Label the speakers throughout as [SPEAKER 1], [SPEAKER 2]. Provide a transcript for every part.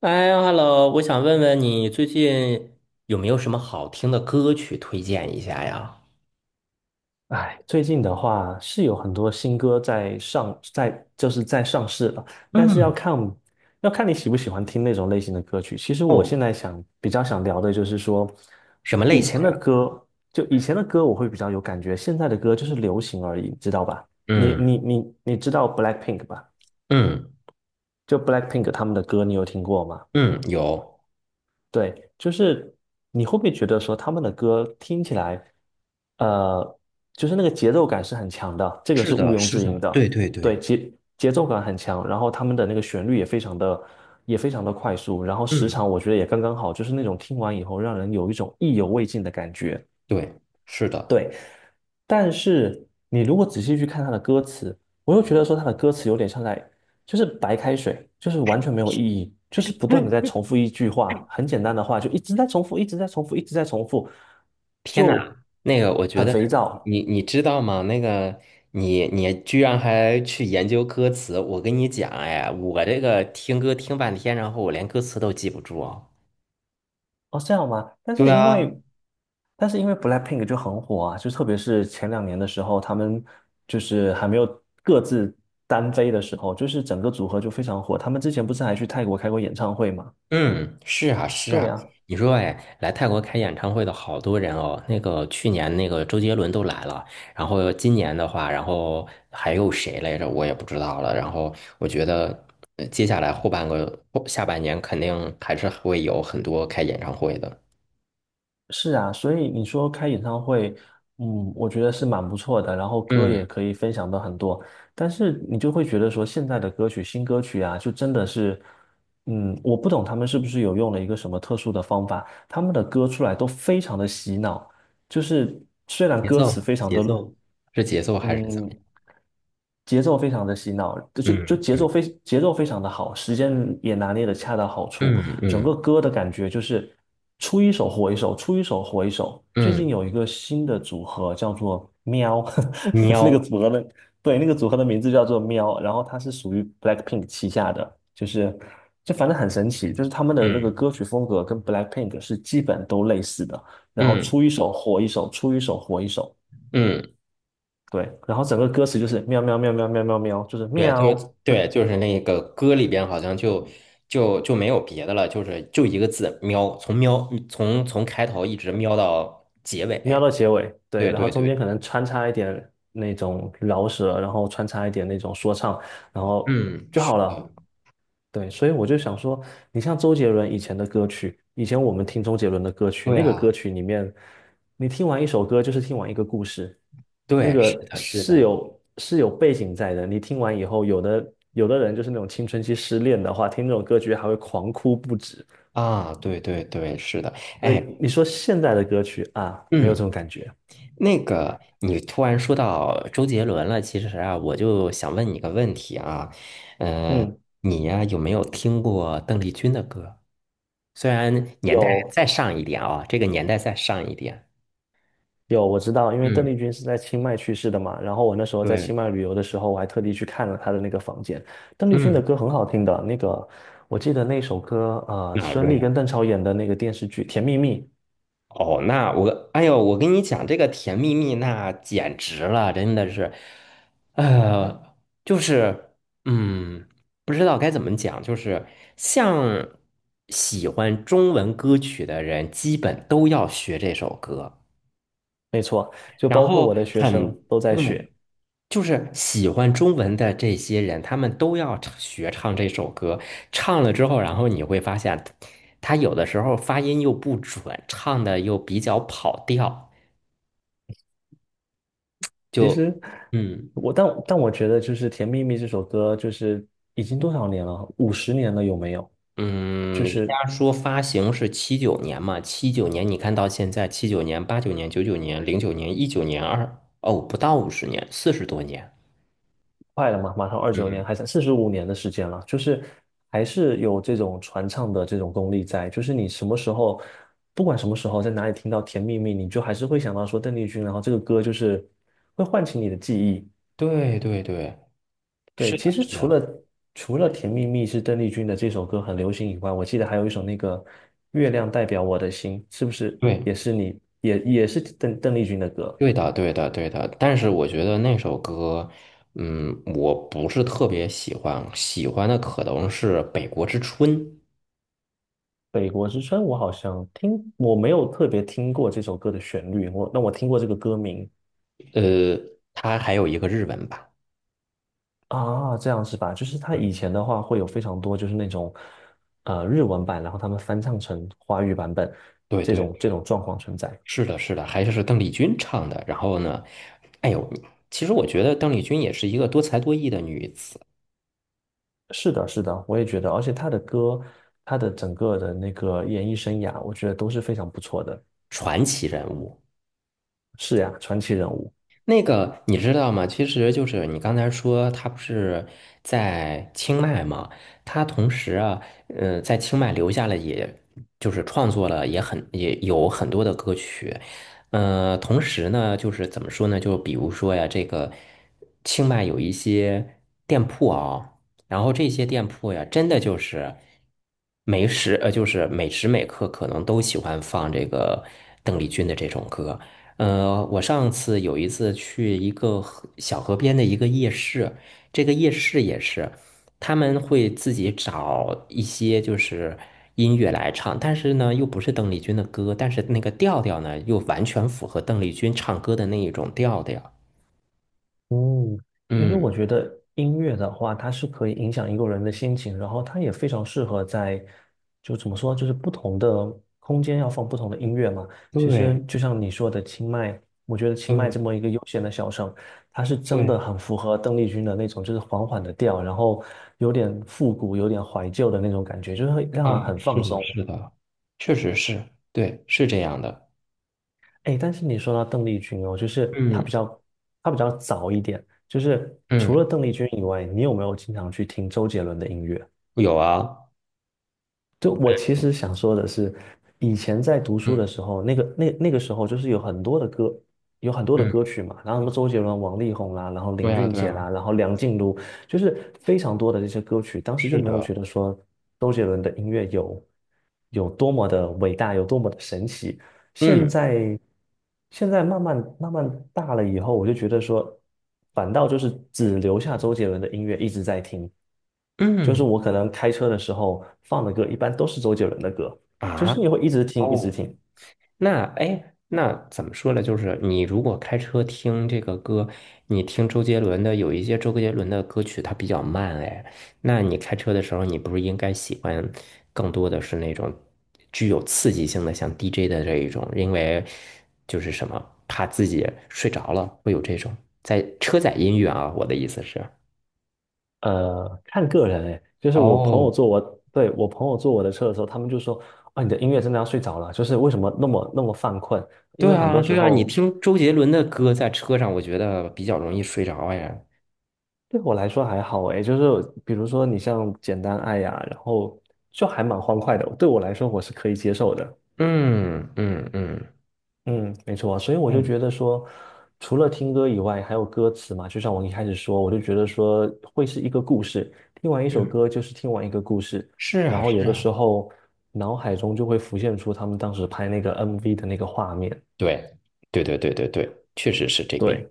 [SPEAKER 1] 哎，Hello，我想问问你最近有没有什么好听的歌曲推荐一下呀？
[SPEAKER 2] 哎，最近的话是有很多新歌在上，就是在上市了，但是要
[SPEAKER 1] 嗯。
[SPEAKER 2] 看要看你喜不喜欢听那种类型的歌曲。其实我
[SPEAKER 1] 哦，
[SPEAKER 2] 现在想比较想聊的就是说，
[SPEAKER 1] 什么类
[SPEAKER 2] 以
[SPEAKER 1] 型
[SPEAKER 2] 前的
[SPEAKER 1] 呀？
[SPEAKER 2] 歌以前的歌我会比较有感觉，现在的歌就是流行而已，知道吧？你
[SPEAKER 1] 嗯
[SPEAKER 2] 你你你知道 BLACKPINK 吧？
[SPEAKER 1] 嗯
[SPEAKER 2] 就 BLACKPINK 他们的歌你有听过吗？
[SPEAKER 1] 嗯，有，
[SPEAKER 2] 对，就是你会不会觉得说他们的歌听起来，呃，就是那个节奏感是很强的，这个
[SPEAKER 1] 是
[SPEAKER 2] 是毋
[SPEAKER 1] 的，
[SPEAKER 2] 庸
[SPEAKER 1] 是
[SPEAKER 2] 置疑
[SPEAKER 1] 的，对
[SPEAKER 2] 的。
[SPEAKER 1] 对
[SPEAKER 2] 对，
[SPEAKER 1] 对，
[SPEAKER 2] 节奏感很强，然后他们的那个旋律也非常的快速，然后时
[SPEAKER 1] 嗯，
[SPEAKER 2] 长我觉得也刚刚好，就是那种听完以后让人有一种意犹未尽的感觉。
[SPEAKER 1] 对，是的。
[SPEAKER 2] 对，但是你如果仔细去看他的歌词，我又觉得说他的歌词有点像在，就是白开水，就是完全没有意义，就是不断的在重复一句话，很简单的话，就一直在重复，一直在重复，一直在重复，
[SPEAKER 1] 天呐，
[SPEAKER 2] 就
[SPEAKER 1] 那个我觉
[SPEAKER 2] 很
[SPEAKER 1] 得
[SPEAKER 2] 肥皂
[SPEAKER 1] 你你知道吗？那个你居然还去研究歌词，我跟你讲，哎，我这个听歌听半天，然后我连歌词都记不住啊。
[SPEAKER 2] 哦，这样吗？
[SPEAKER 1] 对啊。
[SPEAKER 2] 但是因为 BLACKPINK 就很火啊，就特别是前两年的时候，他们就是还没有各自单飞的时候，就是整个组合就非常火。他们之前不是还去泰国开过演唱会吗？
[SPEAKER 1] 嗯，是啊，是
[SPEAKER 2] 对
[SPEAKER 1] 啊。
[SPEAKER 2] 呀。
[SPEAKER 1] 你说，哎，来泰国开演唱会的好多人哦。那个去年那个周杰伦都来了，然后今年的话，然后还有谁来着？我也不知道了。然后我觉得，接下来后半个后下半年肯定还是会有很多开演唱会的。
[SPEAKER 2] 是啊，所以你说开演唱会，嗯，我觉得是蛮不错的，然后歌
[SPEAKER 1] 嗯，
[SPEAKER 2] 也可以分享的很多，但是你就会觉得说现在的歌曲、新歌曲啊，就真的是，嗯，我不懂他们是不是有用了一个什么特殊的方法，他们的歌出来都非常的洗脑，就是虽然
[SPEAKER 1] 节
[SPEAKER 2] 歌
[SPEAKER 1] 奏，
[SPEAKER 2] 词非常
[SPEAKER 1] 节
[SPEAKER 2] 的
[SPEAKER 1] 奏是节奏还是怎么样？
[SPEAKER 2] 嗯，节奏非常的洗脑，就就节
[SPEAKER 1] 嗯
[SPEAKER 2] 奏非节奏非常的好，时间也拿捏的恰到好处，
[SPEAKER 1] 嗯
[SPEAKER 2] 整
[SPEAKER 1] 嗯
[SPEAKER 2] 个歌的感觉就是出一首火一首，出一首火一首。最近
[SPEAKER 1] 嗯，
[SPEAKER 2] 有一个新的组合叫做喵，那个
[SPEAKER 1] 喵，
[SPEAKER 2] 组合的对那个组合的名字叫做喵，然后它是属于 BLACKPINK 旗下的，就是就反正很神奇，就是他们的那个
[SPEAKER 1] 嗯
[SPEAKER 2] 歌曲风格跟 BLACKPINK 是基本都类似的，然后
[SPEAKER 1] 嗯
[SPEAKER 2] 出一首火一首，出一首火一首。
[SPEAKER 1] 嗯。
[SPEAKER 2] 对，然后整个歌词就是喵喵喵喵喵喵喵，就是
[SPEAKER 1] 对，就
[SPEAKER 2] 喵，
[SPEAKER 1] 是
[SPEAKER 2] 就
[SPEAKER 1] 对，就是那个歌里边好像就没有别的了，就是就一个字喵，从开头一直喵到结尾。
[SPEAKER 2] 喵到结尾，对，
[SPEAKER 1] 对
[SPEAKER 2] 然后
[SPEAKER 1] 对对，
[SPEAKER 2] 中间可能穿插一点那种饶舌，然后穿插一点那种说唱，然后
[SPEAKER 1] 嗯，
[SPEAKER 2] 就
[SPEAKER 1] 是
[SPEAKER 2] 好
[SPEAKER 1] 的，
[SPEAKER 2] 了。对，所以我就想说，你像周杰伦以前的歌曲，以前我们听周杰伦的歌曲，
[SPEAKER 1] 对
[SPEAKER 2] 那个
[SPEAKER 1] 啊，
[SPEAKER 2] 歌曲里面，你听完一首歌就是听完一个故事，那
[SPEAKER 1] 对，是
[SPEAKER 2] 个
[SPEAKER 1] 的，是
[SPEAKER 2] 是
[SPEAKER 1] 的，
[SPEAKER 2] 有是有背景在的。你听完以后，有的人就是那种青春期失恋的话，听这种歌曲还会狂哭不止。
[SPEAKER 1] 啊，对对对，是的，
[SPEAKER 2] 对，
[SPEAKER 1] 哎，
[SPEAKER 2] 你说现在的歌曲啊，没有这
[SPEAKER 1] 嗯。
[SPEAKER 2] 种感觉。
[SPEAKER 1] 那个，你突然说到周杰伦了，其实啊，我就想问你个问题啊，呃，
[SPEAKER 2] 嗯，
[SPEAKER 1] 你呀、有没有听过邓丽君的歌？虽然年代
[SPEAKER 2] 有
[SPEAKER 1] 再上一点啊，这个年代再上一点。
[SPEAKER 2] 有,我知道，因为邓
[SPEAKER 1] 嗯，
[SPEAKER 2] 丽君是在清迈去世的嘛。然后我那时候在
[SPEAKER 1] 对，
[SPEAKER 2] 清迈旅游的时候，我还特地去看了她的那个房间。邓丽君的
[SPEAKER 1] 嗯，
[SPEAKER 2] 歌很好听的，那个我记得那首歌，啊，
[SPEAKER 1] 哪
[SPEAKER 2] 孙
[SPEAKER 1] 个
[SPEAKER 2] 俪
[SPEAKER 1] 呀？
[SPEAKER 2] 跟邓超演的那个电视剧《甜蜜蜜》，
[SPEAKER 1] 哦，那我，哎呦，我跟你讲，这个甜蜜蜜那简直了，真的是，呃，就是，嗯，不知道该怎么讲，就是像喜欢中文歌曲的人，基本都要学这首歌。
[SPEAKER 2] 没错，就
[SPEAKER 1] 然
[SPEAKER 2] 包括
[SPEAKER 1] 后
[SPEAKER 2] 我的学
[SPEAKER 1] 很
[SPEAKER 2] 生都在
[SPEAKER 1] 对，
[SPEAKER 2] 学。
[SPEAKER 1] 就是喜欢中文的这些人，他们都要唱学唱这首歌。唱了之后，然后你会发现，他有的时候发音又不准，唱的又比较跑调。
[SPEAKER 2] 其
[SPEAKER 1] 就
[SPEAKER 2] 实
[SPEAKER 1] 嗯
[SPEAKER 2] 我我觉得就是《甜蜜蜜》这首歌，就是已经多少年了？50年了有没有？
[SPEAKER 1] 嗯，
[SPEAKER 2] 就
[SPEAKER 1] 人
[SPEAKER 2] 是
[SPEAKER 1] 家说发行是七九年嘛，七九年你看到现在，七九年、八九年、九九年、零九年、一九年、二哦，不到五十年，四十多年。
[SPEAKER 2] 快了嘛，马上29年，
[SPEAKER 1] 嗯，
[SPEAKER 2] 还剩45年的时间了，就是还是有这种传唱的这种功力在，就是你什么时候，不管什么时候，在哪里听到《甜蜜蜜》，你就还是会想到说邓丽君，然后这个歌就是会唤起你的记忆。
[SPEAKER 1] 对对对，
[SPEAKER 2] 对，
[SPEAKER 1] 是的，
[SPEAKER 2] 其实
[SPEAKER 1] 是
[SPEAKER 2] 除
[SPEAKER 1] 的，
[SPEAKER 2] 了除了《甜蜜蜜》是邓丽君的这首歌很流行以外，我记得还有一首那个《月亮代表我的心》，是不是也
[SPEAKER 1] 对。
[SPEAKER 2] 是也是邓丽君的歌？
[SPEAKER 1] 对的，对的，对的。但是我觉得那首歌，嗯，我不是特别喜欢，喜欢的可能是《北国之春》。
[SPEAKER 2] 北国之春，我好像听，我没有特别听过这首歌的旋律，我听过这个歌名
[SPEAKER 1] 呃，它还有一个日文版。
[SPEAKER 2] 啊，这样是吧？就是他
[SPEAKER 1] 嗯，
[SPEAKER 2] 以前的话会有非常多，就是那种日文版，然后他们翻唱成华语版本
[SPEAKER 1] 对
[SPEAKER 2] 这
[SPEAKER 1] 对
[SPEAKER 2] 种这
[SPEAKER 1] 对，
[SPEAKER 2] 种状况存在。
[SPEAKER 1] 是的，是的，还是邓丽君唱的。然后呢，哎呦，其实我觉得邓丽君也是一个多才多艺的女子，
[SPEAKER 2] 是的，是的，我也觉得，而且他的歌，他的整个的那个演艺生涯，我觉得都是非常不错的。
[SPEAKER 1] 传奇人物。
[SPEAKER 2] 是呀，传奇人物。
[SPEAKER 1] 那个你知道吗？其实就是你刚才说他不是在清迈嘛，他同时啊，在清迈留下了也，就是创作了也很也有很多的歌曲，同时呢，就是怎么说呢？就比如说呀，这个清迈有一些店铺啊，然后这些店铺呀，真的就是就是每时每刻可能都喜欢放这个邓丽君的这种歌。我上次有一次去一个河小河边的一个夜市，这个夜市也是，他们会自己找一些就是音乐来唱，但是呢又不是邓丽君的歌，但是那个调调呢又完全符合邓丽君唱歌的那一种调调。
[SPEAKER 2] 嗯，其实
[SPEAKER 1] 嗯，
[SPEAKER 2] 我觉得音乐的话，它是可以影响一个人的心情，然后它也非常适合在，就怎么说，就是不同的空间要放不同的音乐嘛。其实
[SPEAKER 1] 对
[SPEAKER 2] 就像你说的清迈，我觉得清迈
[SPEAKER 1] 对
[SPEAKER 2] 这么一个悠闲的小城，它是真
[SPEAKER 1] 对，
[SPEAKER 2] 的很符合邓丽君的那种，就是缓缓的调，然后有点复古、有点怀旧的那种感觉，就是会让人
[SPEAKER 1] 啊，
[SPEAKER 2] 很
[SPEAKER 1] 是
[SPEAKER 2] 放
[SPEAKER 1] 的，
[SPEAKER 2] 松。
[SPEAKER 1] 是的，确实是，对，是这样的。
[SPEAKER 2] 哎，但是你说到邓丽君哦，就是她比
[SPEAKER 1] 嗯
[SPEAKER 2] 较，她比较早一点。就是除了
[SPEAKER 1] 嗯，
[SPEAKER 2] 邓丽君以外，你有没有经常去听周杰伦的音乐？
[SPEAKER 1] 有啊，
[SPEAKER 2] 就我其实想说的是，以前在读书的
[SPEAKER 1] 嗯
[SPEAKER 2] 时候，那个时候就是有很多的歌，有很多的
[SPEAKER 1] 嗯，
[SPEAKER 2] 歌曲嘛，然后什么周杰伦、王力宏啦，然后
[SPEAKER 1] 对
[SPEAKER 2] 林
[SPEAKER 1] 呀，
[SPEAKER 2] 俊
[SPEAKER 1] 对
[SPEAKER 2] 杰
[SPEAKER 1] 呀，
[SPEAKER 2] 啦，然后梁静茹，就是非常多的这些歌曲。当时就
[SPEAKER 1] 是
[SPEAKER 2] 没有
[SPEAKER 1] 的，
[SPEAKER 2] 觉得说周杰伦的音乐有多么的伟大，有多么的神奇。现
[SPEAKER 1] 嗯
[SPEAKER 2] 在现在慢慢大了以后，我就觉得说，反倒就是只留下周杰伦的音乐一直在听，就是
[SPEAKER 1] 嗯。
[SPEAKER 2] 我可能开车的时候放的歌一般都是周杰伦的歌，就
[SPEAKER 1] 啊，
[SPEAKER 2] 是你会一直听一直
[SPEAKER 1] 哦，
[SPEAKER 2] 听。
[SPEAKER 1] 那哎，那怎么说呢？就是你如果开车听这个歌，你听周杰伦的，有一些周杰伦的歌曲它比较慢，哎，那你开车的时候，你不是应该喜欢更多的是那种具有刺激性的，像 DJ 的这一种，因为就是什么，怕自己睡着了，会有这种在车载音乐啊，我的意思是。
[SPEAKER 2] 看个人诶，就是我朋友
[SPEAKER 1] 哦，
[SPEAKER 2] 坐我，对，我朋友坐我的车的时候，他们就说啊，你的音乐真的要睡着了，就是为什么那么犯困？因
[SPEAKER 1] 对
[SPEAKER 2] 为很
[SPEAKER 1] 啊，
[SPEAKER 2] 多时
[SPEAKER 1] 对啊，你
[SPEAKER 2] 候
[SPEAKER 1] 听周杰伦的歌在车上，我觉得比较容易睡着哎。
[SPEAKER 2] 对我来说还好诶，就是比如说你像简单爱呀、然后就还蛮欢快的，对我来说我是可以接受的。
[SPEAKER 1] 嗯嗯嗯
[SPEAKER 2] 嗯，没错，所以我就
[SPEAKER 1] 嗯，
[SPEAKER 2] 觉得说，除了听歌以外，还有歌词嘛，就像我一开始说，我就觉得说会是一个故事，听完一首
[SPEAKER 1] 嗯，
[SPEAKER 2] 歌就是听完一个故事，
[SPEAKER 1] 是
[SPEAKER 2] 然
[SPEAKER 1] 啊
[SPEAKER 2] 后有
[SPEAKER 1] 是
[SPEAKER 2] 的
[SPEAKER 1] 啊，
[SPEAKER 2] 时候脑海中就会浮现出他们当时拍那个 MV 的那个画面。
[SPEAKER 1] 对对对对对对，确实是这个样，
[SPEAKER 2] 对。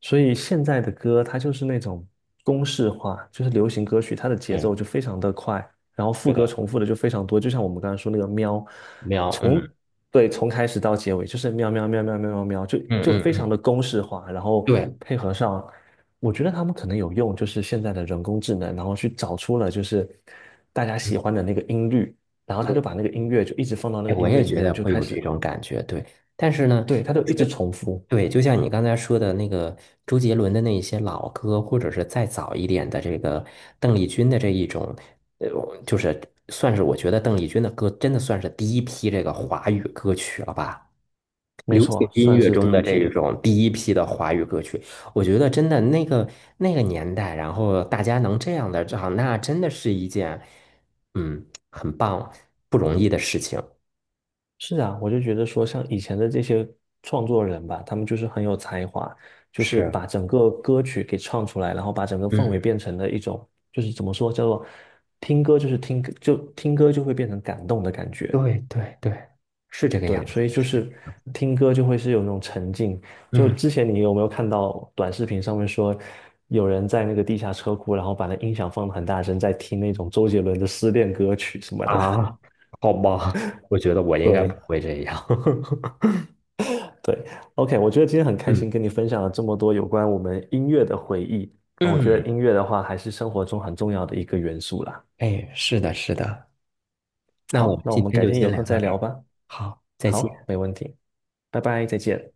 [SPEAKER 2] 所以现在的歌它就是那种公式化，就是流行歌曲，它的节
[SPEAKER 1] 对，
[SPEAKER 2] 奏就非常的快，然后副
[SPEAKER 1] 觉
[SPEAKER 2] 歌
[SPEAKER 1] 得
[SPEAKER 2] 重复的就非常多，就像我们刚才说那个喵，
[SPEAKER 1] 喵，嗯
[SPEAKER 2] 从对从开始到结尾就是喵喵喵喵喵喵喵，就
[SPEAKER 1] 嗯
[SPEAKER 2] 就
[SPEAKER 1] 嗯
[SPEAKER 2] 非常的
[SPEAKER 1] 嗯，
[SPEAKER 2] 公式化，然后
[SPEAKER 1] 对
[SPEAKER 2] 配合上，我觉得他们可能有用，就是现在的人工智能，然后去找出了就是大家
[SPEAKER 1] 嗯
[SPEAKER 2] 喜欢的那个音律，然后他就
[SPEAKER 1] 对，
[SPEAKER 2] 把那个音乐就一直放到那个
[SPEAKER 1] 哎，我
[SPEAKER 2] 音乐
[SPEAKER 1] 也
[SPEAKER 2] 里
[SPEAKER 1] 觉
[SPEAKER 2] 面，
[SPEAKER 1] 得
[SPEAKER 2] 就
[SPEAKER 1] 会
[SPEAKER 2] 开
[SPEAKER 1] 有这
[SPEAKER 2] 始，
[SPEAKER 1] 种感觉，对，但是呢，
[SPEAKER 2] 对，他就
[SPEAKER 1] 你
[SPEAKER 2] 一直
[SPEAKER 1] 说
[SPEAKER 2] 重复，
[SPEAKER 1] 对，就像你刚才说的那个周杰伦的那一些老歌，或者是再早一点的这个邓丽君的这一种，呃，就是算是我觉得邓丽君的歌真的算是第一批这个华语歌曲了吧。
[SPEAKER 2] 没
[SPEAKER 1] 流
[SPEAKER 2] 错，
[SPEAKER 1] 行音
[SPEAKER 2] 算
[SPEAKER 1] 乐
[SPEAKER 2] 是
[SPEAKER 1] 中
[SPEAKER 2] 第一
[SPEAKER 1] 的
[SPEAKER 2] 批。
[SPEAKER 1] 这种第一批的华语歌曲，我觉得真的那个那个年代，然后大家能这样的唱，那真的是一件嗯很棒不容易的事情。
[SPEAKER 2] 是啊，我就觉得说，像以前的这些创作人吧，他们就是很有才华，就是
[SPEAKER 1] 是，
[SPEAKER 2] 把整个歌曲给唱出来，然后把整个氛围
[SPEAKER 1] 嗯，
[SPEAKER 2] 变成了一种，就是怎么说，叫做听歌就是听歌，就听歌就会变成感动的感觉。
[SPEAKER 1] 对对对，是这个样
[SPEAKER 2] 对，所
[SPEAKER 1] 子。
[SPEAKER 2] 以就是听歌就会是有那种沉浸。就
[SPEAKER 1] 嗯
[SPEAKER 2] 之前你有没有看到短视频上面说，有人在那个地下车库，然后把那音响放得很大声，在听那种周杰伦的失恋歌曲什么的？
[SPEAKER 1] 啊，好吧，我觉得我 应该不
[SPEAKER 2] 对。
[SPEAKER 1] 会这样。
[SPEAKER 2] 对，OK,我觉得今天很开心
[SPEAKER 1] 嗯
[SPEAKER 2] 跟你分享了这么多有关我们音乐的回忆啊，我觉
[SPEAKER 1] 嗯，
[SPEAKER 2] 得音乐的话还是生活中很重要的一个元素啦。
[SPEAKER 1] 哎，是的，是的。那我
[SPEAKER 2] 好，
[SPEAKER 1] 们
[SPEAKER 2] 那我
[SPEAKER 1] 今
[SPEAKER 2] 们
[SPEAKER 1] 天
[SPEAKER 2] 改
[SPEAKER 1] 就
[SPEAKER 2] 天
[SPEAKER 1] 先
[SPEAKER 2] 有空
[SPEAKER 1] 聊到
[SPEAKER 2] 再
[SPEAKER 1] 这
[SPEAKER 2] 聊
[SPEAKER 1] 儿，
[SPEAKER 2] 吧。
[SPEAKER 1] 好，再见。
[SPEAKER 2] 好，没问题，拜拜，再见。